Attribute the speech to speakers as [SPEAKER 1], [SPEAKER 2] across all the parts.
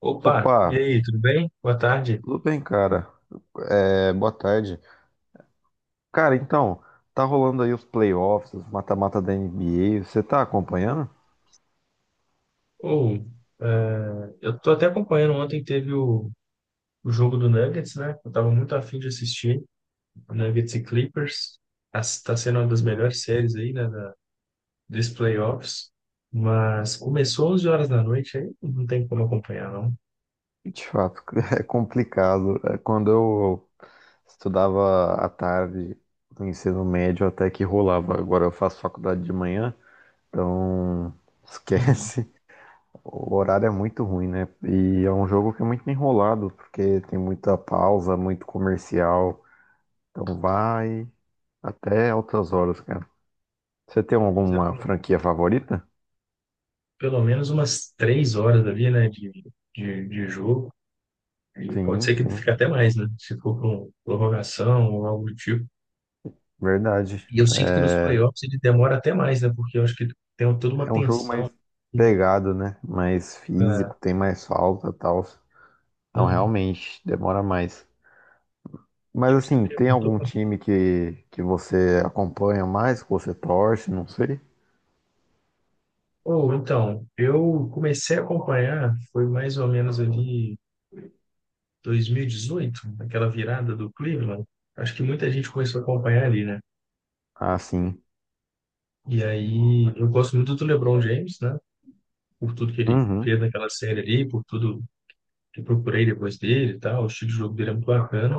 [SPEAKER 1] Opa, e
[SPEAKER 2] Opa,
[SPEAKER 1] aí, tudo bem? Boa tarde.
[SPEAKER 2] tudo bem, cara? É, boa tarde. Cara, então, tá rolando aí os playoffs, os mata-mata da NBA. Você tá acompanhando?
[SPEAKER 1] Ou, é, eu tô até acompanhando, ontem teve o jogo do Nuggets, né? Eu tava muito afim de assistir, Nuggets e Clippers. Tá sendo uma das melhores
[SPEAKER 2] Hum.
[SPEAKER 1] séries aí, né, dos playoffs. Mas começou 11 horas da noite, aí não tem como acompanhar, não.
[SPEAKER 2] De fato, é complicado. É. Quando eu estudava à tarde no ensino médio, até que rolava. Agora eu faço faculdade de manhã, então
[SPEAKER 1] Uhum.
[SPEAKER 2] esquece. O horário é muito ruim, né? E é um jogo que é muito enrolado, porque tem muita pausa, muito comercial. Então vai até altas horas, cara. Você tem
[SPEAKER 1] Pois é,
[SPEAKER 2] alguma franquia favorita?
[SPEAKER 1] pelo menos umas três horas ali, né, de jogo. E pode
[SPEAKER 2] Sim,
[SPEAKER 1] ser que
[SPEAKER 2] sim,
[SPEAKER 1] fique até mais, né? Se for com prorrogação ou algo do tipo.
[SPEAKER 2] verdade.
[SPEAKER 1] E eu sinto que nos
[SPEAKER 2] É,
[SPEAKER 1] playoffs ele demora até mais, né? Porque eu acho que tem toda uma
[SPEAKER 2] é um jogo
[SPEAKER 1] tensão.
[SPEAKER 2] mais pegado, né? Mais
[SPEAKER 1] Ah,
[SPEAKER 2] físico, tem mais falta e tal. Então,
[SPEAKER 1] hum.
[SPEAKER 2] realmente, demora mais.
[SPEAKER 1] E
[SPEAKER 2] Mas,
[SPEAKER 1] você
[SPEAKER 2] assim, tem
[SPEAKER 1] perguntou?
[SPEAKER 2] algum time que você acompanha mais, que você torce, não sei?
[SPEAKER 1] Ou então, eu comecei a acompanhar, foi mais ou menos ali 2018, aquela virada do Cleveland. Acho que muita gente começou a acompanhar ali, né?
[SPEAKER 2] Ah, sim.
[SPEAKER 1] E aí, eu gosto muito do LeBron James, né? Por tudo que ele
[SPEAKER 2] Uhum.
[SPEAKER 1] fez naquela série ali, por tudo que eu procurei depois dele e tal. O estilo de jogo dele é muito bacana.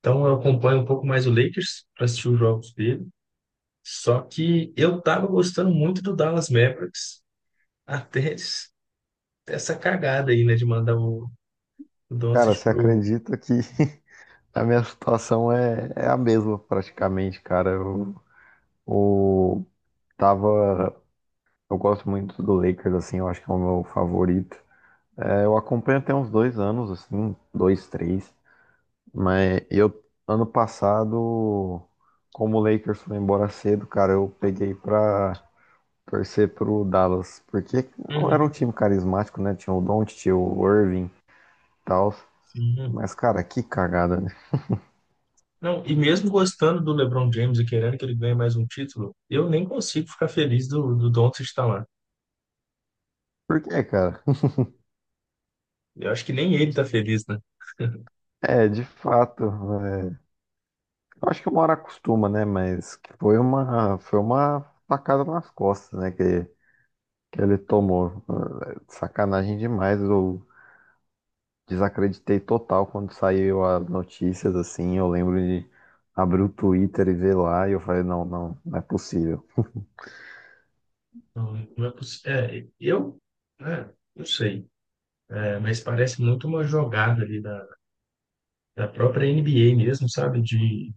[SPEAKER 1] Então, eu acompanho um pouco mais o Lakers para assistir os jogos dele. Só que eu tava gostando muito do Dallas Mavericks até essa cagada aí, né, de mandar o
[SPEAKER 2] Cara,
[SPEAKER 1] Doncic
[SPEAKER 2] você
[SPEAKER 1] pro.
[SPEAKER 2] acredita que a minha situação é a mesma, praticamente, cara. Eu tava. Eu gosto muito do Lakers, assim, eu acho que é o meu favorito. É, eu acompanho tem uns 2 anos, assim, dois, três. Mas eu, ano passado, como o Lakers foi embora cedo, cara, eu peguei pra torcer pro Dallas. Porque era
[SPEAKER 1] Uhum,
[SPEAKER 2] um time carismático, né? Tinha o Doncic, tinha o Irving e tal.
[SPEAKER 1] sim.
[SPEAKER 2] Mas, cara, que cagada, né?
[SPEAKER 1] Não, e mesmo gostando do LeBron James e querendo que ele ganhe mais um título, eu nem consigo ficar feliz do Doncic estar lá.
[SPEAKER 2] Por quê, cara?
[SPEAKER 1] Eu acho que nem ele tá feliz, né?
[SPEAKER 2] É, de fato. é, eu acho que uma hora acostuma, né? Mas que foi uma facada nas costas, né? Que ele tomou. É, sacanagem demais. O Desacreditei total quando saiu as notícias, assim. Eu lembro de abrir o Twitter e ver lá, e eu falei, não, não, não é possível.
[SPEAKER 1] Não, não é possível. É, não sei. É, mas parece muito uma jogada ali da própria NBA mesmo, sabe? De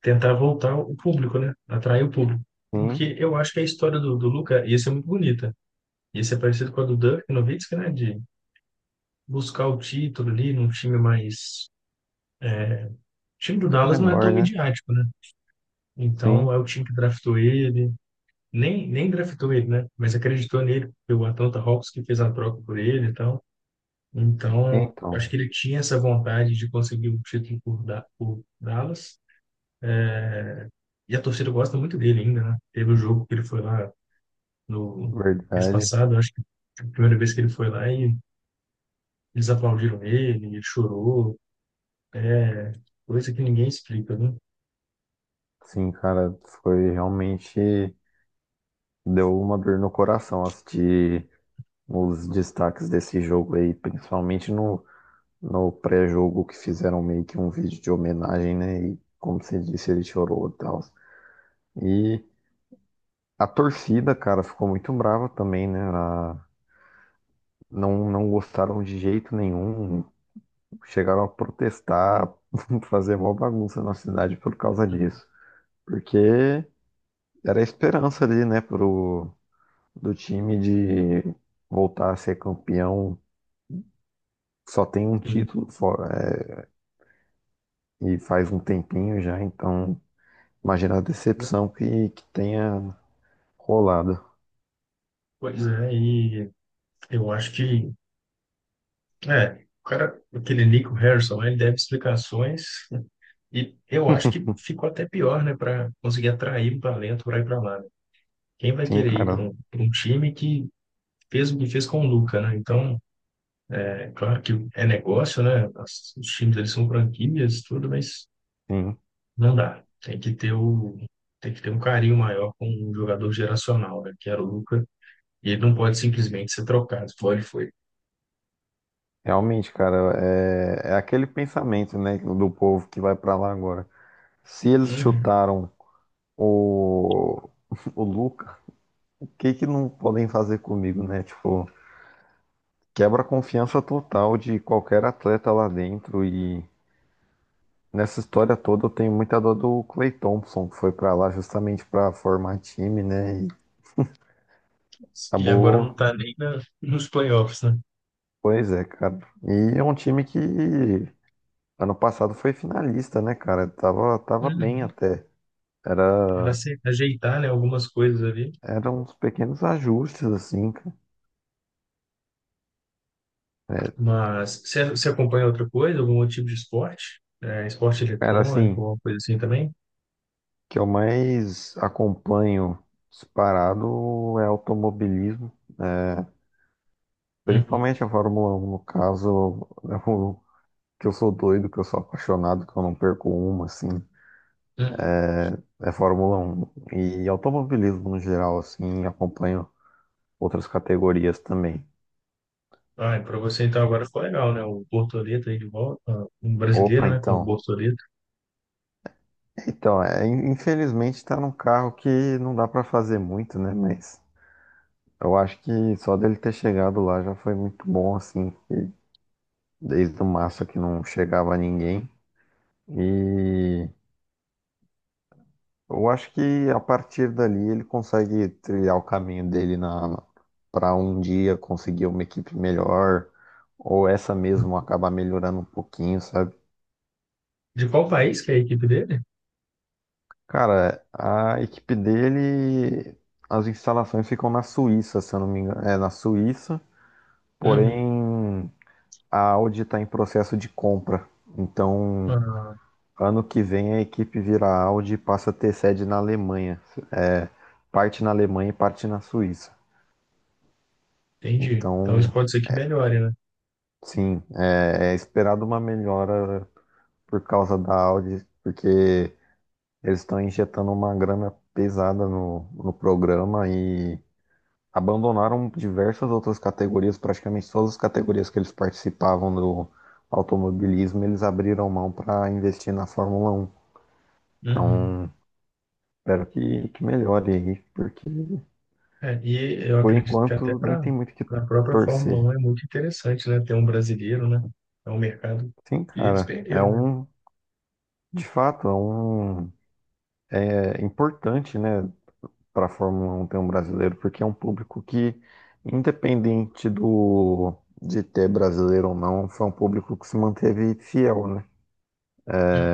[SPEAKER 1] tentar voltar o público, né? Atrair o público.
[SPEAKER 2] Sim,
[SPEAKER 1] Porque eu acho que a história do Luca ia ser muito bonita. Ia ser parecido com a do Dirk Nowitzki, né? De buscar o título ali num time mais... O time do Dallas não é tão
[SPEAKER 2] menor, né?
[SPEAKER 1] midiático, né? Então,
[SPEAKER 2] Sim,
[SPEAKER 1] é o time que draftou ele. Nem draftou ele, né? Mas acreditou nele. Foi o Atlanta Hawks que fez a troca por ele e tal.
[SPEAKER 2] é,
[SPEAKER 1] Então,
[SPEAKER 2] então,
[SPEAKER 1] acho que ele tinha essa vontade de conseguir o título por Dallas. É, e a torcida gosta muito dele ainda, né? Teve o jogo que ele foi lá no mês
[SPEAKER 2] verdade.
[SPEAKER 1] passado, acho que foi a primeira vez que ele foi lá e eles aplaudiram ele, ele chorou, é coisa que ninguém explica, né?
[SPEAKER 2] Sim, cara, foi realmente. Deu uma dor no coração assistir os destaques desse jogo aí, principalmente no pré-jogo, que fizeram meio que um vídeo de homenagem, né? E como você disse, ele chorou e tal. E a torcida, cara, ficou muito brava também, né? Não, não gostaram de jeito nenhum, chegaram a protestar, fazer mó bagunça na cidade por causa disso. Porque era a esperança ali, né, do time de voltar a ser campeão. Só tem um
[SPEAKER 1] Sim.
[SPEAKER 2] título fora, e faz um tempinho já, então imagina a decepção que tenha rolado.
[SPEAKER 1] Pois é, e eu acho o cara, aquele Nico Harrison, ele deve explicações e eu acho que ficou até pior, né, para conseguir atrair um talento para ir para lá, né? Quem vai
[SPEAKER 2] Sim,
[SPEAKER 1] querer ir para
[SPEAKER 2] cara,
[SPEAKER 1] pra um time que fez o que fez com o Luka, né? Então, é claro que é negócio, né? Os times eles são franquias, tudo, mas
[SPEAKER 2] sim.
[SPEAKER 1] não dá. Tem que ter um carinho maior com um jogador geracional, né? Que era o Luca. E ele não pode simplesmente ser trocado. Foi, ele foi.
[SPEAKER 2] Realmente, cara, é aquele pensamento, né, do povo que vai pra lá agora. Se eles
[SPEAKER 1] Uhum.
[SPEAKER 2] chutaram o, o Luca, o que que não podem fazer comigo, né? Tipo, quebra a confiança total de qualquer atleta lá dentro, e nessa história toda eu tenho muita dor do Clay Thompson, que foi pra lá justamente pra formar time, né? E
[SPEAKER 1] E agora não
[SPEAKER 2] acabou,
[SPEAKER 1] tá nem na, nos playoffs, né?
[SPEAKER 2] pois é, cara. E é um time que ano passado foi finalista, né, cara? Tava bem
[SPEAKER 1] Uhum.
[SPEAKER 2] até.
[SPEAKER 1] Pra
[SPEAKER 2] Era,
[SPEAKER 1] se ajeitar, né, algumas coisas ali.
[SPEAKER 2] Eram uns pequenos ajustes, assim, cara.
[SPEAKER 1] Mas você acompanha outra coisa, algum outro tipo de esporte? É, esporte
[SPEAKER 2] Cara,
[SPEAKER 1] eletrônico,
[SPEAKER 2] assim,
[SPEAKER 1] alguma coisa assim também?
[SPEAKER 2] que eu mais acompanho disparado é automobilismo, é,
[SPEAKER 1] Uhum.
[SPEAKER 2] principalmente a Fórmula 1, no caso, é o que eu sou doido, que eu sou apaixonado, que eu não perco uma, assim,
[SPEAKER 1] Uhum.
[SPEAKER 2] é Fórmula 1. E automobilismo no geral, assim, acompanho outras categorias também.
[SPEAKER 1] Ah, para você então agora ficou legal, né? O Bortoleto aí de volta, ah, um brasileiro,
[SPEAKER 2] Opa,
[SPEAKER 1] né? Com o
[SPEAKER 2] então.
[SPEAKER 1] Bortoleto.
[SPEAKER 2] Então, infelizmente tá num carro que não dá pra fazer muito, né? Mas eu acho que só dele ter chegado lá já foi muito bom, assim. Desde o Massa que não chegava a ninguém. E eu acho que a partir dali ele consegue trilhar o caminho dele na para um dia conseguir uma equipe melhor, ou essa mesmo acabar melhorando um pouquinho, sabe?
[SPEAKER 1] De qual país que é a equipe dele?
[SPEAKER 2] Cara, a equipe dele, as instalações ficam na Suíça, se eu não me engano, é na Suíça,
[SPEAKER 1] Uhum.
[SPEAKER 2] porém a Audi está em processo de compra. Então,
[SPEAKER 1] Ah,
[SPEAKER 2] ano que vem a equipe vira Audi e passa a ter sede na Alemanha. É, parte na Alemanha e parte na Suíça.
[SPEAKER 1] entendi. Então isso
[SPEAKER 2] Então,
[SPEAKER 1] pode ser que melhore, né?
[SPEAKER 2] sim, é esperado uma melhora por causa da Audi, porque eles estão injetando uma grana pesada no programa, e abandonaram diversas outras categorias, praticamente todas as categorias que eles participavam do automobilismo, eles abriram mão para investir na Fórmula 1.
[SPEAKER 1] Uhum.
[SPEAKER 2] Então, espero que melhore aí.
[SPEAKER 1] É, e eu
[SPEAKER 2] Por
[SPEAKER 1] acredito que até
[SPEAKER 2] enquanto, nem
[SPEAKER 1] para
[SPEAKER 2] tem muito o que
[SPEAKER 1] a própria Fórmula
[SPEAKER 2] torcer.
[SPEAKER 1] um é muito interessante, né? Ter um brasileiro, né? É um mercado
[SPEAKER 2] Sim,
[SPEAKER 1] que eles
[SPEAKER 2] cara, é
[SPEAKER 1] perderam, né?
[SPEAKER 2] um, de fato, é um, é importante, né, para a Fórmula 1 ter um brasileiro, porque é um público que, independente do de ter brasileiro ou não, foi um público que se manteve fiel, né?
[SPEAKER 1] Uhum.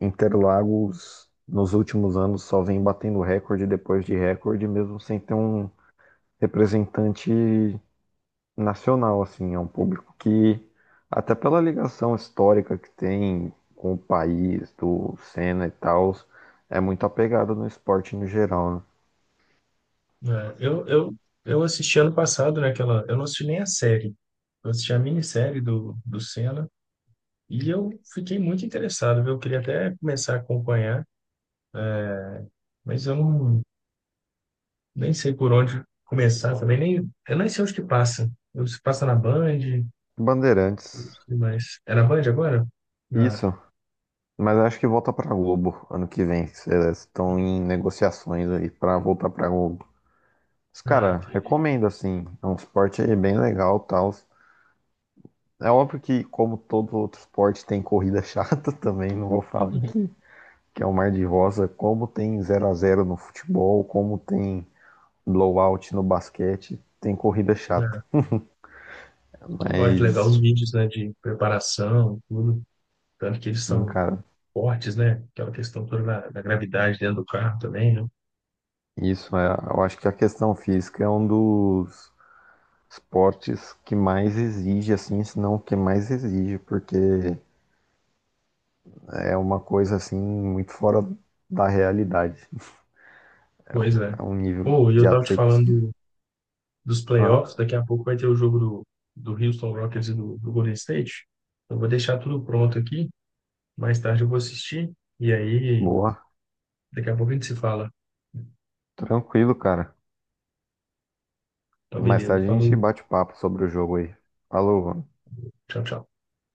[SPEAKER 2] Interlagos, nos últimos anos, só vem batendo recorde depois de recorde, mesmo sem ter um representante nacional, assim, é um público que, até pela ligação histórica que tem com o país, do Senna e tal, é muito apegado no esporte no geral, né?
[SPEAKER 1] É, eu, eu, eu assisti ano passado, né? Aquela, eu não assisti nem a série. Eu assisti a minissérie do Senna e eu fiquei muito interessado, viu? Eu queria até começar a acompanhar, mas eu não, nem sei por onde começar também, nem, eu nem sei onde que passa. Eu, se passa na Band, não
[SPEAKER 2] Bandeirantes,
[SPEAKER 1] sei mais. Era Band agora? Ah,
[SPEAKER 2] isso, mas acho que volta pra Globo ano que vem, se eles estão em negociações aí pra voltar pra Globo. Mas,
[SPEAKER 1] ah,
[SPEAKER 2] cara,
[SPEAKER 1] entendi.
[SPEAKER 2] recomendo, assim, é um esporte bem legal e tal. É óbvio que, como todo outro esporte, tem corrida chata também. Não vou falar
[SPEAKER 1] Uhum.
[SPEAKER 2] que é o Mar de Rosa, como tem zero a zero no futebol, como tem blowout no basquete. Tem corrida chata.
[SPEAKER 1] Ah, eu gosto de levar os
[SPEAKER 2] Mas
[SPEAKER 1] vídeos, né, de preparação, tudo. Tanto que eles
[SPEAKER 2] sim,
[SPEAKER 1] são
[SPEAKER 2] cara,
[SPEAKER 1] fortes, né? Aquela questão toda da gravidade dentro do carro também, né?
[SPEAKER 2] isso é, eu acho que a questão física é um dos esportes que mais exige, assim, se não o que mais exige, porque é uma coisa assim muito fora da realidade.
[SPEAKER 1] Pois é.
[SPEAKER 2] É um nível
[SPEAKER 1] Pô, e
[SPEAKER 2] de
[SPEAKER 1] eu tava te
[SPEAKER 2] atletismo.
[SPEAKER 1] falando dos
[SPEAKER 2] Ah,
[SPEAKER 1] playoffs, daqui a pouco vai ter o jogo do Houston Rockets e do Golden State. Eu vou deixar tudo pronto aqui, mais tarde eu vou assistir, e aí
[SPEAKER 2] boa,
[SPEAKER 1] daqui a pouco a gente se fala.
[SPEAKER 2] tranquilo, cara.
[SPEAKER 1] Então,
[SPEAKER 2] Mais
[SPEAKER 1] beleza.
[SPEAKER 2] tarde a gente
[SPEAKER 1] Falou,
[SPEAKER 2] bate papo sobre o jogo aí. Falou, mano.
[SPEAKER 1] tchau, tchau.